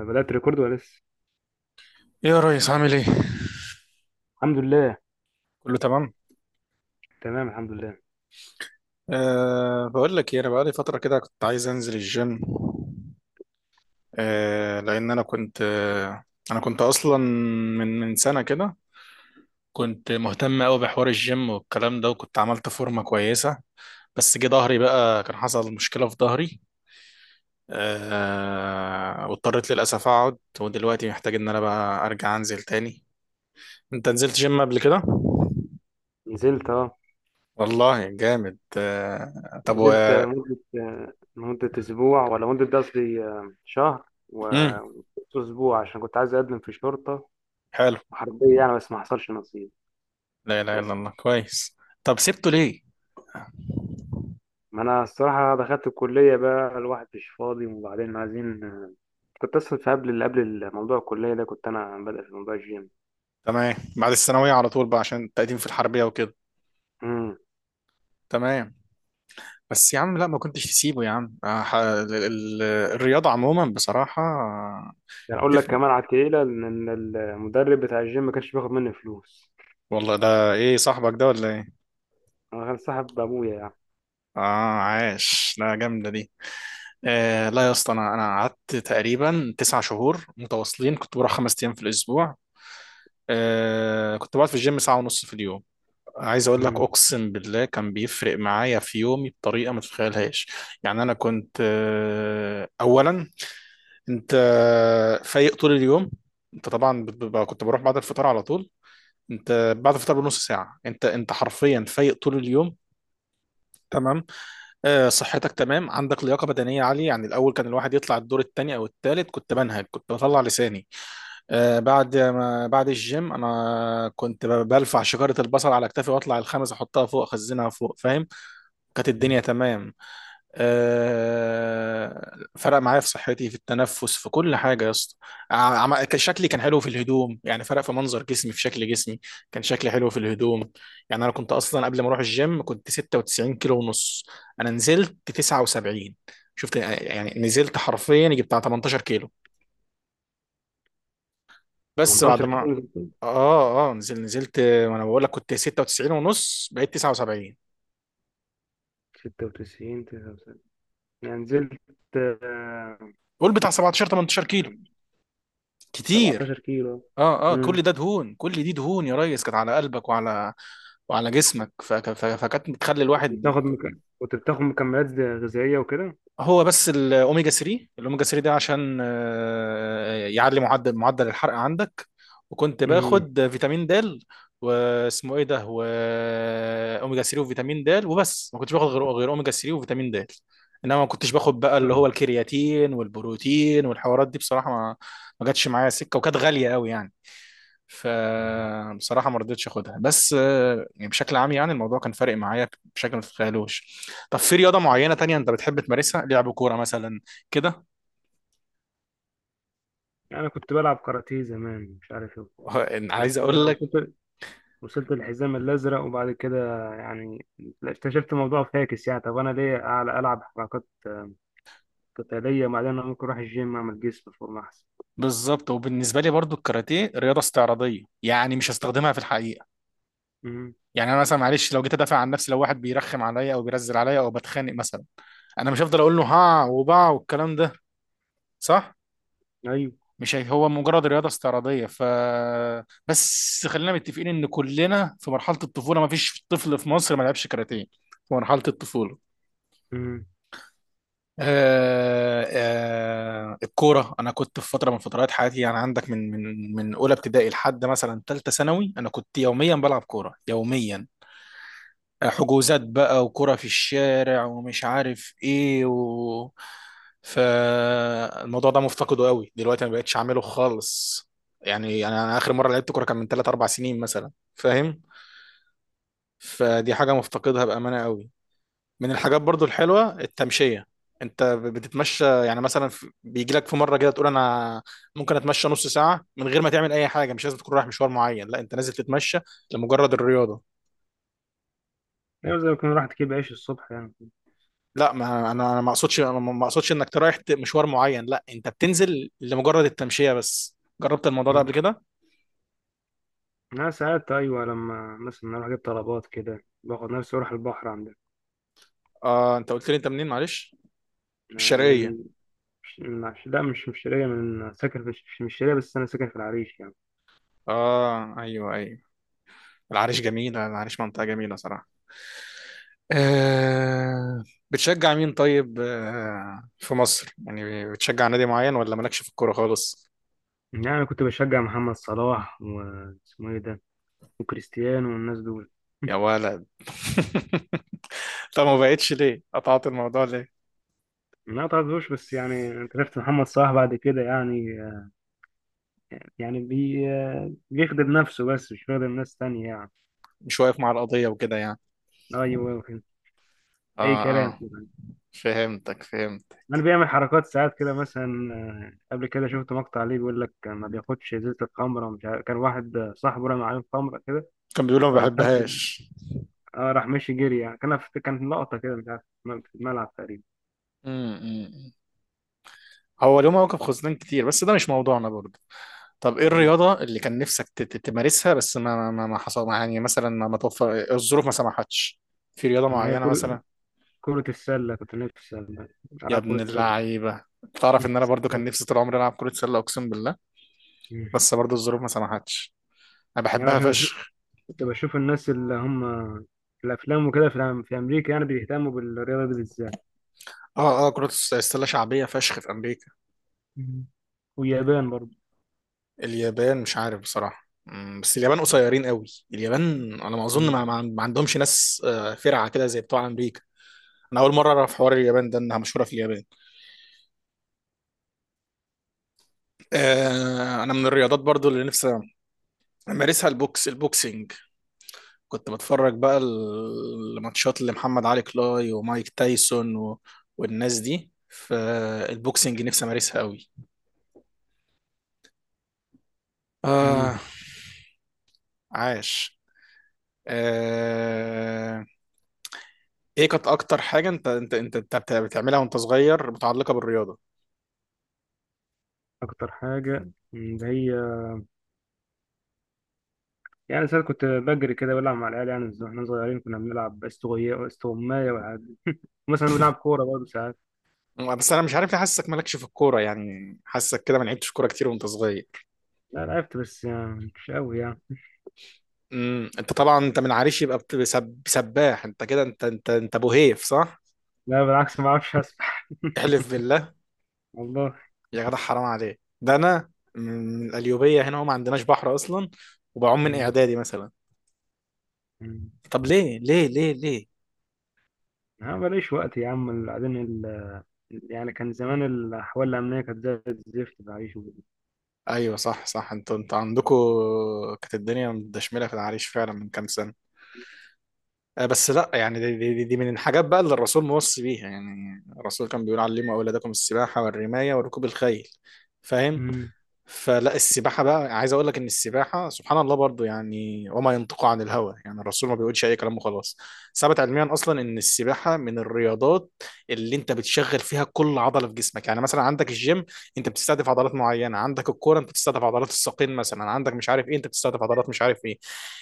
بدأت ريكورد ولا لسه؟ ايه يا ريس؟ عامل ايه؟ الحمد لله. كله تمام؟ تمام، الحمد لله. أه، بقول لك ايه، انا بقالي فترة كده كنت عايز انزل الجيم. لان انا كنت انا كنت اصلا من سنة كده كنت مهتم قوي بحوار الجيم والكلام ده، وكنت عملت فورمة كويسة. بس جه ظهري بقى، كان حصل مشكلة في ظهري. واضطريت للأسف اقعد، ودلوقتي محتاج ان انا بقى ارجع انزل تاني. انت نزلت جيم قبل كده؟ نزلت اه. والله جامد. طب و نزلت، مدة، مدة أسبوع، ولا مدة، ده قصدي، شهر مم. وأسبوع، عشان كنت عايز أقدم في شرطة حلو. وحربية يعني، بس ما حصلش نصيب لا إله إلا للأسف. الله، كويس. طب سبته ليه؟ ما أنا الصراحة دخلت الكلية بقى، الواحد مش فاضي، وبعدين عايزين. كنت أصلا في، قبل موضوع الكلية ده، كنت أنا بادئ في موضوع الجيم. تمام، بعد الثانوية على طول بقى عشان التقديم في الحربية وكده. امم تمام. بس يا عم لا، ما كنتش تسيبه يا عم. الرياضة عموما بصراحة يعني أقول لك تفرق. كمان على التقيلة، إن المدرب بتاع الجيم ما كانش بياخد مني فلوس. والله ده ايه، صاحبك ده ولا ايه؟ أنا كان صاحب أبويا يعني. اه، عاش، لا جامدة دي. لا يا اسطى، انا قعدت تقريبا تسع شهور متواصلين، كنت بروح خمس ايام في الاسبوع. كنت بقعد في الجيم ساعة ونص في اليوم. عايز اقول لك، اقسم بالله كان بيفرق معايا في يومي بطريقه ما تتخيلهاش. يعني انا كنت اولا انت فايق طول اليوم. انت طبعا كنت بروح بعد الفطار على طول. انت بعد الفطار بنص ساعه، انت حرفيا فايق طول اليوم. تمام. صحتك تمام، عندك لياقه بدنيه عاليه. يعني الاول كان الواحد يطلع الدور الثاني او الثالث كنت بنهج، كنت بطلع لساني. آه، بعد ما بعد الجيم انا كنت بلفع شجره البصل على كتافي، واطلع الخمس احطها فوق، اخزنها فوق، فاهم. كانت مم. الدنيا تمام. فرق معايا في صحتي، في التنفس، في كل حاجه يا اسطى. كان شكلي كان حلو في الهدوم، يعني فرق في منظر جسمي، في شكل جسمي. كان شكلي حلو في الهدوم. يعني انا كنت اصلا قبل ما اروح الجيم كنت 96 كيلو ونص، انا نزلت 79. شفت؟ يعني نزلت حرفيا يجي بتاع 18 كيلو. بس بعد 18 ما كيلو. اه نزلت، وانا بقول لك كنت 96 ونص، بقيت 79. 96، 99، يعني نزلت، آه، قول بتاع 17 18 كيلو، كتير. 17 كيلو. اه اه، امم كل ده دهون، كل دي دهون يا ريس كانت على قلبك وعلى، وعلى جسمك. فكانت بتخلي الواحد. بتاخد مكمل كنت بتاخد مكملات غذائية وكده؟ هو بس الاوميجا 3، الاوميجا 3 ده عشان يعلي معدل الحرق عندك. وكنت امم. باخد فيتامين د، واسمه ايه ده، واوميجا 3 وفيتامين د وبس، ما كنتش باخد غير اوميجا 3 وفيتامين د. انما ما كنتش باخد بقى اللي هو طب. الكرياتين والبروتين والحوارات دي، بصراحة ما ما جاتش معايا سكة، وكانت غالية قوي يعني. مم. فبصراحة ما رضيتش اخدها. بس يعني بشكل عام يعني الموضوع كان فارق معايا بشكل ما تتخيلوش. طب في رياضة معينة تانية انت بتحب تمارسها، لعب كورة مثلا كده؟ يعني كنت بلعب كاراتيه زمان، مش عارف ايه وكده. أنا عايز بس اقول لك، وصلت، الحزام الأزرق، وبعد كده يعني اكتشفت الموضوع فاكس. يعني طب، أنا ليه أعلى ألعب حركات قتالية، وبعدين أنا ممكن أروح الجيم أعمل جسم فورمة أحسن. بالظبط. وبالنسبة لي برضو الكاراتيه رياضة استعراضية، يعني مش هستخدمها في الحقيقة. امم. يعني انا مثلا معلش لو جيت ادافع عن نفسي، لو واحد بيرخم عليا او بيرزل عليا او بتخانق مثلا، انا مش هفضل اقول له ها وبا والكلام ده، صح. أيوه. مش هي- هو مجرد رياضة استعراضية. ف بس خلينا متفقين ان كلنا في مرحلة الطفولة، ما فيش طفل في مصر ما لعبش كاراتيه في مرحلة الطفولة. امم. آه. آه الكورة، أنا كنت في فترة من فترات حياتي، يعني عندك من من أولى ابتدائي لحد مثلا تالتة ثانوي أنا كنت يوميا بلعب كورة، يوميا. حجوزات بقى، وكرة في الشارع، ومش عارف ايه و... فالموضوع ده مفتقده قوي دلوقتي، ما بقتش اعمله خالص. يعني انا اخر مره لعبت كوره كان من 3 4 سنين مثلا، فاهم. فدي حاجه مفتقدها بامانه قوي. من الحاجات برضو الحلوه التمشيه. انت بتتمشى، يعني مثلا بيجي لك في مره كده تقول انا ممكن اتمشى نص ساعه من غير ما تعمل اي حاجه، مش لازم تكون رايح مشوار معين، لا، انت نازل تتمشى لمجرد الرياضه. أيوه، زي ما كنا راحت كده بعيش الصبح يعني. لا، ما انا ما اقصدش، انا ما اقصدش انك رايح مشوار معين، لا، انت بتنزل لمجرد التمشيه بس. جربت الموضوع ده قبل كده؟ أنا ساعات أيوة، لما مثلا أروح أجيب طلبات كده، باخد نفسي أروح البحر عندنا. اه، انت قلت لي انت منين معلش، من أنا الشرقيه؟ من من لا، مش شرقية، من ساكن في مش شرقية، بس أنا ساكن في العريش يعني. اه، ايوه ايوه. العريش جميله، العريش منطقه جميله صراحه. آه. بتشجع مين طيب، آه في مصر يعني، بتشجع نادي معين ولا مالكش في الكوره خالص؟ يعني أنا كنت بشجع محمد صلاح واسمه إيه ده، وكريستيانو والناس دول. يا ولد طب ما بقتش ليه، قطعت الموضوع ليه؟ ما تعرفوش، بس يعني أنت شفت محمد صلاح بعد كده يعني، يعني بي بيخدم نفسه، بس مش بيخدم ناس تانية يعني. مش واقف مع القضيه وكده يعني. أيوة. أي اه. كلام. اه، فهمتك، فهمت. انا بيعمل حركات ساعات كده، مثلا قبل كده شفت مقطع ليه، بيقول لك ما بياخدش ازازه الخمره، مش عارف كان واحد، صاحبه رمى عليه خمره كده، كان بيقول أنا ما ولا مش عارف بحبهاش. اه راح مشي جري يعني، كان لقطه كده مش عارف في الملعب تقريبا. امم. هو له مواقف خزنان كتير، بس ده مش موضوعنا برضه. طب ايه مم. الرياضة اللي كان نفسك تمارسها، بس ما ما ما حصل ما- يعني مثلا ما ما توفر الظروف ما سمحتش؟ في رياضة هي معينة كرة مثلا. كرة السلة كنت نفسي يا ألعب ابن كرة سلة. اللعيبة، تعرف ان انا برضو كان نفسي طول عمري العب كرة سلة، اقسم بالله. مم. بس برضو الظروف ما سمحتش، انا يعني بحبها عشان فشخ. كنت بشوف الناس اللي هم في الأفلام وكده، في في أمريكا، يعني بيهتموا بالرياضة دي بالذات. اه اه، كرة السلة شعبية فشخ في امريكا. مم. واليابان برضه. اليابان مش عارف بصراحة، بس اليابان قصيرين قوي. اليابان انا ما اظن ما, مم. ما ما عندهمش ناس فرعة كده زي بتوع امريكا. انا اول مرة اعرف حوار اليابان ده، انها مشهورة في اليابان. انا من الرياضات برضو اللي نفسي امارسها البوكس، البوكسنج. كنت بتفرج بقى الماتشات اللي محمد علي كلاي ومايك تايسون و... والناس دي، فالبوكسنج نفسي امارسها قوي. مم. آه. عاش. آه. ايه كانت اكتر حاجة انت بتعملها وانت صغير متعلقة بالرياضة؟ أكتر حاجة اللي هي، يعني ساعات كنت بجري كده، بلعب مع العيال يعني، واحنا صغيرين كنا بنلعب استغماية والحاجات دي. مثلا بنلعب كورة برضه ساعات. بس انا مش عارف ليه حاسسك مالكش في الكورة يعني، حاسسك كده ما لعبتش كورة كتير وانت صغير. لا لعبت، بس يعني مش قوي يعني. امم. انت طبعا انت من عريش، يبقى سباح انت كده، انت ابو هيف، صح؟ لا بالعكس، ما بعرفش أسبح. احلف بالله. والله. يا جدع حرام عليك، ده انا من القليوبية هنا وما عندناش بحر اصلا، وبعوم من مم. اعدادي مثلا. مم. طب ليه ليه؟ أنا ماليش وقت يا عم، بعدين. يعني كان زمان الأحوال الأمنية كانت زي الزفت بعيش وكده. ايوه صح صح، انتوا عندكم كانت الدنيا مدشمله في العريش فعلا من كام سنه. بس لا، يعني دي من الحاجات بقى اللي الرسول موصي بيها. يعني الرسول كان بيقول علموا اولادكم السباحه والرمايه وركوب الخيل، فاهم. مم. فلا السباحة بقى، عايز اقول لك ان السباحة سبحان الله برضو، يعني وما ينطق عن الهوى، يعني الرسول ما بيقولش اي كلام وخلاص. ثبت علميا اصلا ان السباحة من الرياضات اللي انت بتشغل فيها كل عضلة في جسمك. يعني مثلا عندك الجيم، انت بتستهدف عضلات معينة. عندك الكورة، انت بتستهدف عضلات الساقين مثلا. عندك مش عارف ايه، انت بتستهدف عضلات مش عارف ايه.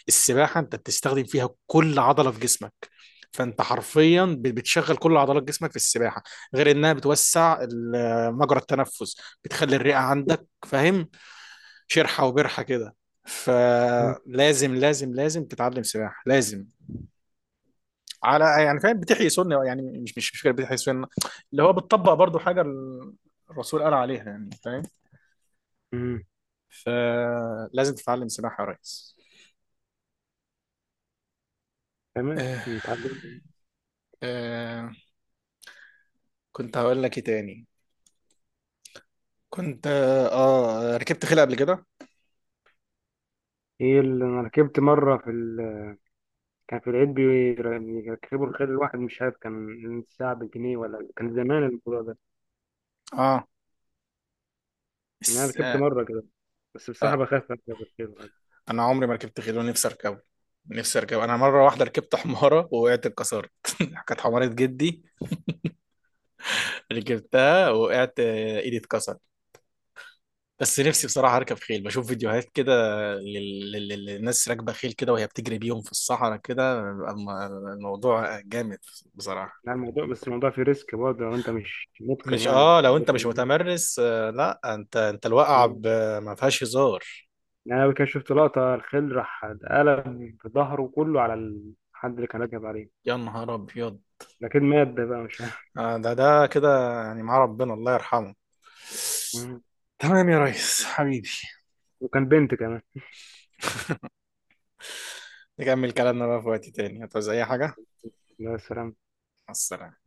السباحة انت بتستخدم فيها كل عضلة في جسمك، فانت حرفيا بتشغل كل عضلات جسمك في السباحه. غير انها بتوسع مجرى التنفس، بتخلي الرئه عندك، فاهم، شرحه وبرحه كده. مم. فلازم لازم لازم تتعلم سباحه، لازم. على يعني فاهم، بتحيي سنه يعني، مش فكره، بتحيي سنه. اللي هو بتطبق برضو حاجه الرسول قال عليها، يعني فاهم. مم. فلازم تتعلم سباحه يا ريس. تمام آه. اتعلمت. آه. كنت هقول لك ايه تاني؟ كنت ركبت خيل قبل كده؟ ايه اللي انا ركبت مره في. كان في العيد بيركبوا الخيل، الواحد مش عارف كان الساعه بجنيه، ولا كان زمان الموضوع ده. اه، يعني انا بس ركبت آه، مره كده، بس بصراحه بخاف اركب الخيل يعني. انا عمري ما ركبت خيل ونفسي اركبه. نفسي اركبه. انا مره واحده ركبت حماره ووقعت، اتكسرت كانت حماره جدي. ركبتها، وقعت، ايدي اتكسر. بس نفسي بصراحة اركب خيل. بشوف فيديوهات كده للناس راكبة خيل كده، وهي بتجري بيهم في الصحراء كده. الموضوع جامد بصراحة. يعني الموضوع بس الموضوع فيه ريسك برضه، لو انت مش متقن مش يعني، اه مش. لو انت مش متمرس، آه لا، انت انت الواقعة مم. ما فيهاش هزار. يعني انا كان شفت لقطه، الخيل راح اتقلب ظهره كله على الحد اللي كان راكب عليه، يا نهار ابيض. لكن مات ده بقى مش عارف. آه، ده ده كده يعني، مع ربنا، الله يرحمه. مم. تمام يا ريس حبيبي، وكان بنت كمان. نكمل كلامنا بقى في وقت تاني. هتعوز اي حاجة؟ يا سلام. مع السلامة.